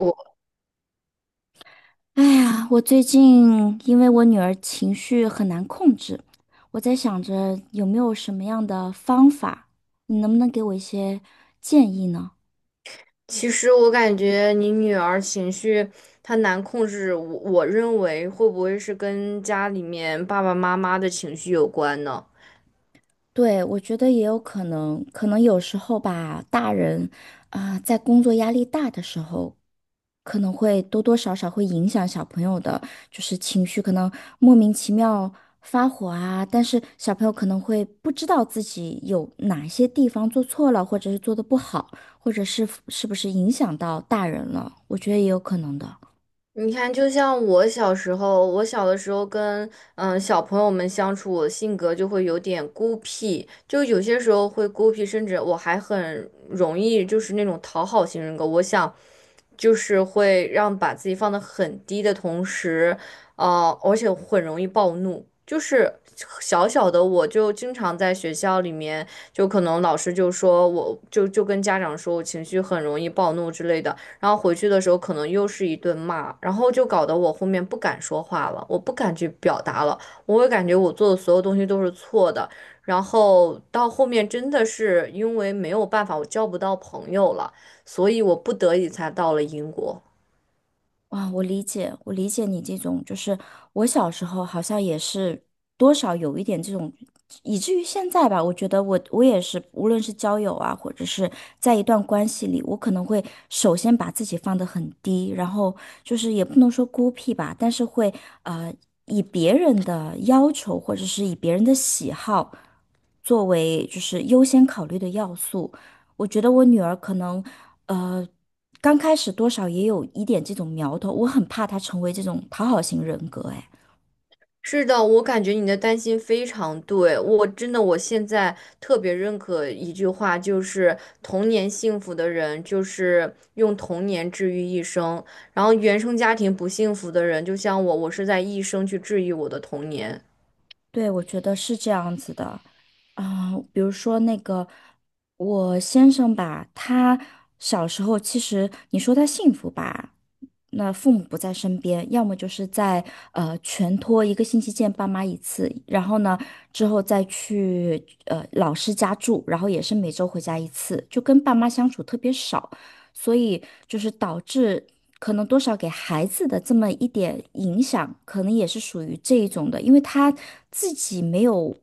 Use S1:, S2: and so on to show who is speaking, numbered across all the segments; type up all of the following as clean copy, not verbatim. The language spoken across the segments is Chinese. S1: 我
S2: 哎呀，我最近因为我女儿情绪很难控制，我在想着有没有什么样的方法，你能不能给我一些建议呢？
S1: 其实我感觉你女儿情绪她难控制，我认为会不会是跟家里面爸爸妈妈的情绪有关呢？
S2: 对，我觉得也有可能，可能有时候吧，大人啊，在工作压力大的时候，可能会多多少少会影响小朋友的，就是情绪，可能莫名其妙发火啊，但是小朋友可能会不知道自己有哪些地方做错了，或者是做的不好，或者是是不是影响到大人了，我觉得也有可能的。
S1: 你看，就像我小时候，我小的时候跟小朋友们相处，我性格就会有点孤僻，就有些时候会孤僻，甚至我还很容易就是那种讨好型人格。我想，就是会让把自己放得很低的同时，啊，而且很容易暴怒。就是小小的，我就经常在学校里面，就可能老师就说我跟家长说我情绪很容易暴怒之类的。然后回去的时候可能又是一顿骂，然后就搞得我后面不敢说话了，我不敢去表达了，我会感觉我做的所有东西都是错的，然后到后面真的是因为没有办法，我交不到朋友了，所以我不得已才到了英国。
S2: 啊，我理解你这种，就是我小时候好像也是多少有一点这种，以至于现在吧，我觉得我也是，无论是交友啊，或者是在一段关系里，我可能会首先把自己放得很低，然后就是也不能说孤僻吧，但是会呃以别人的要求或者是以别人的喜好作为就是优先考虑的要素，我觉得我女儿可能。呃。刚开始多少也有一点这种苗头，我很怕他成为这种讨好型人格，哎，
S1: 是的，我感觉你的担心非常对，我真的我现在特别认可一句话，就是童年幸福的人就是用童年治愈一生，然后原生家庭不幸福的人，就像我，我是在一生去治愈我的童年。
S2: 对，我觉得是这样子的，比如说那个我先生吧，他小时候其实你说他幸福吧，那父母不在身边，要么就是在全托1个星期见爸妈一次，然后呢之后再去老师家住，然后也是每周回家一次，就跟爸妈相处特别少。所以就是导致可能多少给孩子的这么一点影响，可能也是属于这一种的，因为他自己没有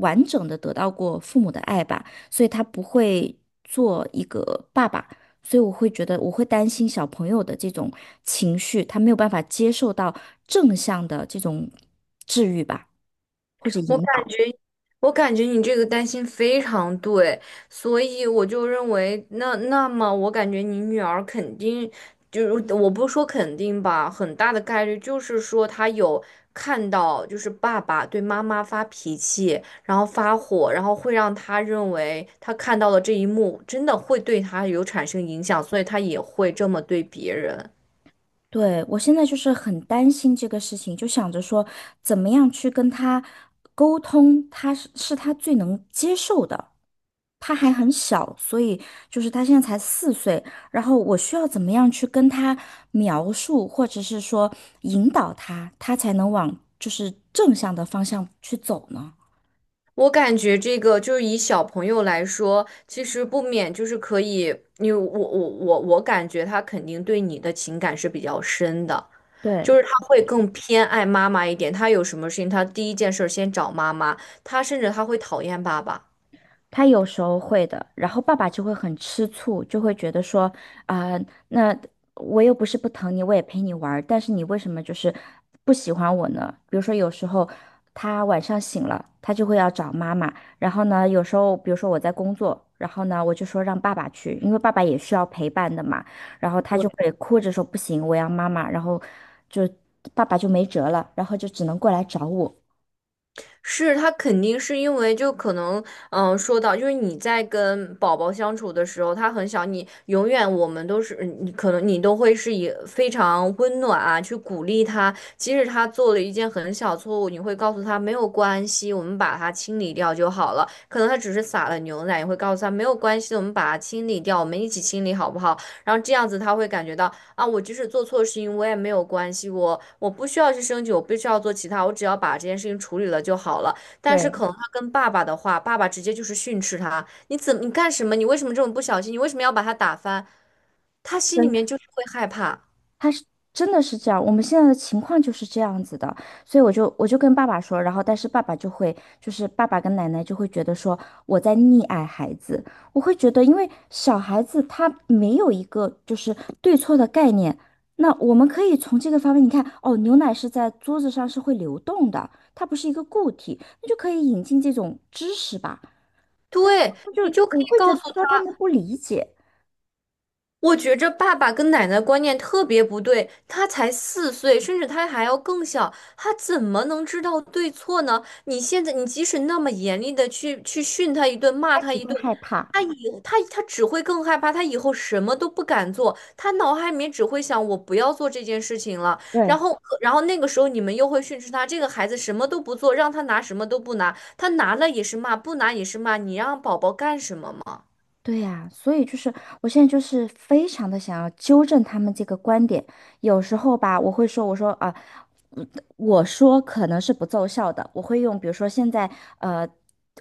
S2: 完整的得到过父母的爱吧，所以他不会做一个爸爸，所以我会觉得我会担心小朋友的这种情绪，他没有办法接受到正向的这种治愈吧，或者
S1: 我感
S2: 引导。
S1: 觉，我感觉你这个担心非常对，所以我就认为，那么我感觉你女儿肯定，就是我不说肯定吧，很大的概率就是说她有看到，就是爸爸对妈妈发脾气，然后发火，然后会让她认为她看到了这一幕，真的会对她有产生影响，所以她也会这么对别人。
S2: 对，我现在就是很担心这个事情，就想着说怎么样去跟他沟通，他是是他最能接受的。他还很小，所以就是他现在才4岁，然后我需要怎么样去跟他描述，或者是说引导他，他才能往就是正向的方向去走呢？
S1: 我感觉这个就是以小朋友来说，其实不免就是可以，因为我感觉他肯定对你的情感是比较深的，就
S2: 对，
S1: 是他会更偏爱妈妈一点，他有什么事情他第一件事儿先找妈妈，他甚至会讨厌爸爸。
S2: 他有时候会的，然后爸爸就会很吃醋，就会觉得说，啊、那我又不是不疼你，我也陪你玩儿但是你为什么就是不喜欢我呢？比如说有时候他晚上醒了，他就会要找妈妈，然后呢，有时候比如说我在工作，然后呢，我就说让爸爸去，因为爸爸也需要陪伴的嘛，然后他就会哭着说不行，我要妈妈，然后就爸爸就没辙了，然后就只能过来找我。
S1: 是他肯定是因为就可能，说到就是你在跟宝宝相处的时候，他很小，你永远我们都是你可能你都会是以非常温暖啊去鼓励他，即使他做了一件很小错误，你会告诉他没有关系，我们把它清理掉就好了。可能他只是撒了牛奶，也会告诉他没有关系，我们把它清理掉，我们一起清理好不好？然后这样子他会感觉到。啊，我即使做错事情，我也没有关系，我不需要去升级，我不需要做其他，我只要把这件事情处理了就好了。但是
S2: 对。
S1: 可能他跟爸爸的话，爸爸直接就是训斥他，你干什么？你为什么这么不小心？你为什么要把他打翻？他心里面就是会害怕。
S2: 他是真的是这样，我们现在的情况就是这样子的，所以我就跟爸爸说，然后但是爸爸就会，就是爸爸跟奶奶就会觉得说我在溺爱孩子，我会觉得因为小孩子他没有一个就是对错的概念，那我们可以从这个方面，你看哦，牛奶是在桌子上是会流动的，它不是一个固体，那就可以引进这种知识吧，但是
S1: 对，
S2: 他们
S1: 你
S2: 就
S1: 就可
S2: 我
S1: 以
S2: 会觉
S1: 告
S2: 得
S1: 诉
S2: 说他
S1: 他。
S2: 们不理解，
S1: 我觉着爸爸跟奶奶观念特别不对，他才四岁，甚至他还要更小，他怎么能知道对错呢？你现在，你即使那么严厉的去训他一顿，骂
S2: 他
S1: 他
S2: 只
S1: 一
S2: 会
S1: 顿，
S2: 害怕，
S1: 他以他他只会更害怕，他以后什么都不敢做，他脑海里面只会想我不要做这件事情了。
S2: 对。
S1: 然后那个时候你们又会训斥他，这个孩子什么都不做，让他拿什么都不拿，他拿了也是骂，不拿也是骂，你让宝宝干什么嘛？
S2: 对呀，所以就是我现在就是非常的想要纠正他们这个观点。有时候吧，我会说，我说可能是不奏效的，我会用，比如说现在，呃，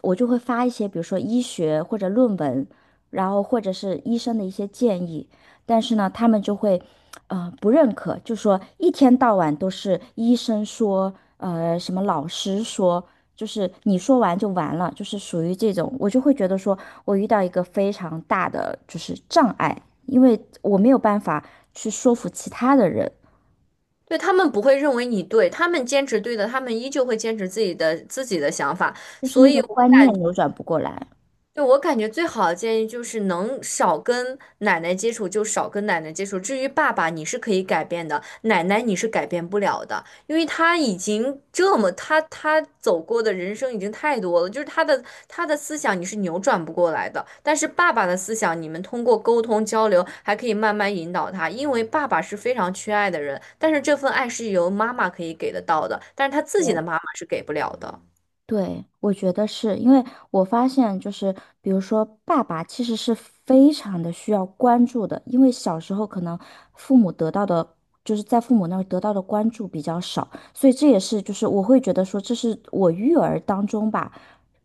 S2: 我就会发一些，比如说医学或者论文，然后或者是医生的一些建议，但是呢，他们就会，不认可，就说一天到晚都是医生说，什么老师说，就是你说完就完了，就是属于这种，我就会觉得说我遇到一个非常大的就是障碍，因为我没有办法去说服其他的人。
S1: 对，他们不会认为你对，他们坚持对的，他们依旧会坚持自己的想法。
S2: 就是
S1: 所
S2: 那个
S1: 以我
S2: 观念扭转不过来。
S1: 对，我感觉最好的建议就是能少跟奶奶接触就少跟奶奶接触。至于爸爸，你是可以改变的，奶奶你是改变不了的，因为他已经这么他走过的人生已经太多了，就是他的思想你是扭转不过来的。但是爸爸的思想，你们通过沟通交流还可以慢慢引导他，因为爸爸是非常缺爱的人，但是这份爱是由妈妈可以给得到的，但是他自己
S2: 对，
S1: 的妈妈是给不了的。
S2: 对，我觉得是因为我发现，就是比如说，爸爸其实是非常的需要关注的，因为小时候可能父母得到的，就是在父母那儿得到的关注比较少，所以这也是就是我会觉得说，这是我育儿当中吧，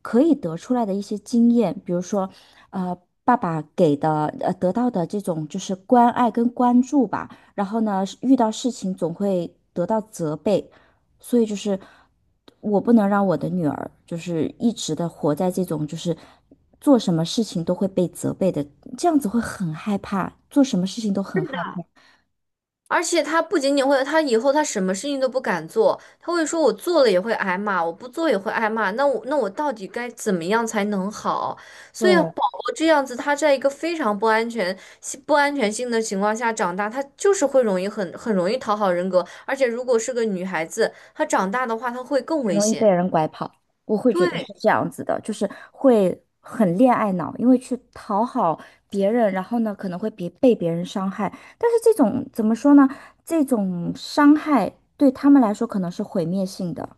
S2: 可以得出来的一些经验，比如说，呃，爸爸给的得到的这种就是关爱跟关注吧，然后呢，遇到事情总会得到责备。所以就是我不能让我的女儿就是一直的活在这种就是做什么事情都会被责备的，这样子会很害怕，做什么事情都很害怕，
S1: 而且他不仅仅会，他以后他什么事情都不敢做，他会说我做了也会挨骂，我不做也会挨骂，那我到底该怎么样才能好？所以宝
S2: 对，
S1: 宝这样子，他在一个非常不安全、不安全性的情况下长大，他就是会容易很容易讨好人格，而且如果是个女孩子，她长大的话，她会更
S2: 很
S1: 危
S2: 容易被
S1: 险。
S2: 人拐跑。我会觉得
S1: 对。
S2: 是这样子的，就是会很恋爱脑，因为去讨好别人，然后呢可能会别被别人伤害，但是这种怎么说呢？这种伤害对他们来说可能是毁灭性的。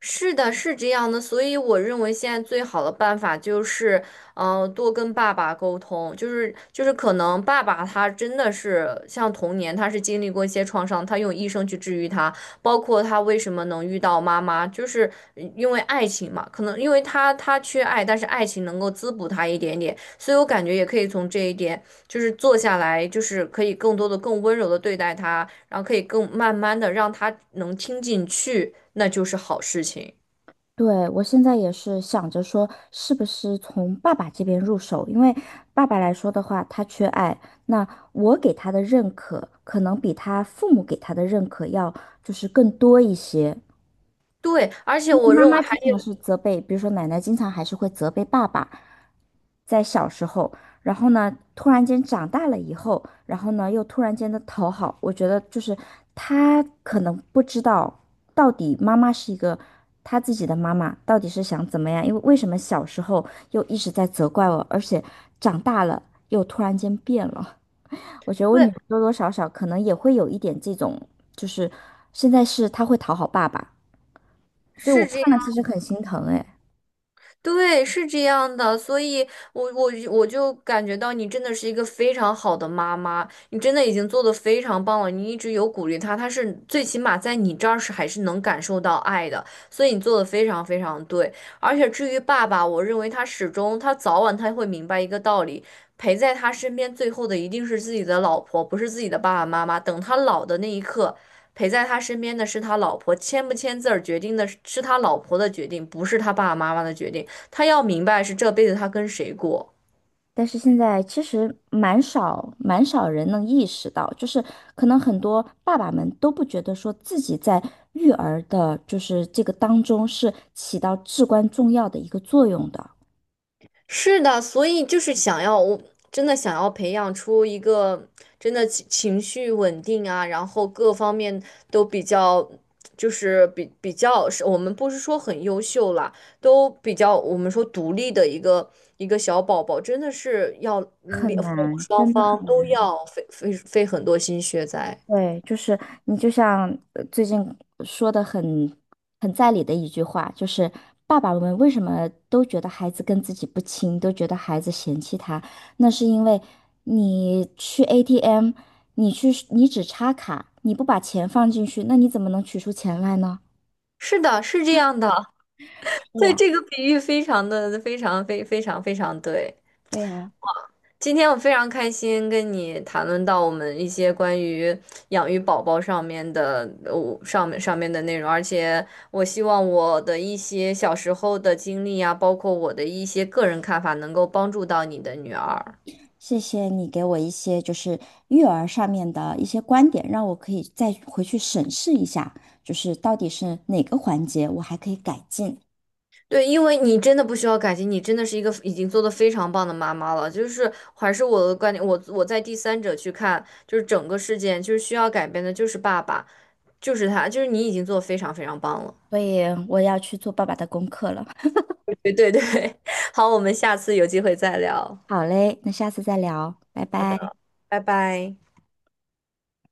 S1: 是的，是这样的，所以我认为现在最好的办法就是，多跟爸爸沟通，就是可能爸爸他真的是像童年，他是经历过一些创伤，他用一生去治愈他，包括他为什么能遇到妈妈，就是因为爱情嘛，可能因为他缺爱，但是爱情能够滋补他一点点，所以我感觉也可以从这一点。就是坐下来，就是可以更多的、更温柔的对待他，然后可以更慢慢的让他能听进去，那就是好事情。
S2: 对，我现在也是想着说，是不是从爸爸这边入手？因为爸爸来说的话，他缺爱，那我给他的认可，可能比他父母给他的认可要就是更多一些。
S1: 对，而且
S2: 因为
S1: 我
S2: 妈
S1: 认为
S2: 妈
S1: 还
S2: 经
S1: 有，
S2: 常是责备，比如说奶奶经常还是会责备爸爸，在小时候，然后呢，突然间长大了以后，然后呢，又突然间的讨好，我觉得就是他可能不知道到底妈妈是一个他自己的妈妈到底是想怎么样，因为为什么小时候又一直在责怪我，而且长大了又突然间变了。我觉得我女
S1: 对，
S2: 儿多多少少可能也会有一点这种，就是现在是她会讨好爸爸，所以我
S1: 是这样。
S2: 看了其实很心疼哎，
S1: 对，是这样的，所以我就感觉到你真的是一个非常好的妈妈，你真的已经做的非常棒了，你一直有鼓励他，他是最起码在你这儿是还是能感受到爱的，所以你做的非常非常对。而且至于爸爸，我认为他始终早晚他会明白一个道理，陪在他身边最后的一定是自己的老婆，不是自己的爸爸妈妈。等他老的那一刻。陪在他身边的是他老婆，签不签字儿决定的是他老婆的决定，不是他爸爸妈妈的决定。他要明白是这辈子他跟谁过。
S2: 但是现在其实蛮少蛮少人能意识到，就是可能很多爸爸们都不觉得说自己在育儿的，就是这个当中是起到至关重要的一个作用的，
S1: 是的，所以就是想要，我真的想要培养出一个真的情绪稳定啊，然后各方面都比较，就是比较是，我们不是说很优秀啦，都比较我们说独立的一个小宝宝，真的是要
S2: 很
S1: 两父母
S2: 难，
S1: 双
S2: 真的很
S1: 方都要费很多心血在。
S2: 对，就是你就像最近说的很在理的一句话，就是爸爸们为什么都觉得孩子跟自己不亲，都觉得孩子嫌弃他，那是因为你去 ATM，你只插卡，你不把钱放进去，那你怎么能取出钱来呢？
S1: 是的，是这样的。
S2: 对
S1: 对，
S2: 呀，
S1: 这个比喻非常非常对。
S2: 对呀，
S1: 今天我非常开心跟你谈论到我们一些关于养育宝宝上面的，上面的内容，而且我希望我的一些小时候的经历啊，包括我的一些个人看法，能够帮助到你的女儿。
S2: 谢谢你给我一些就是育儿上面的一些观点，让我可以再回去审视一下，就是到底是哪个环节我还可以改进。
S1: 对，因为你真的不需要感激，你真的是一个已经做的非常棒的妈妈了。就是还是我的观点，我在第三者去看，就是整个事件，就是需要改变的就是爸爸，就是他，就是你已经做得非常非常棒了。
S2: 所以我要去做爸爸的功课了。
S1: 对对对，好，我们下次有机会再聊，
S2: 好嘞，那下次再聊，拜拜。
S1: 拜拜。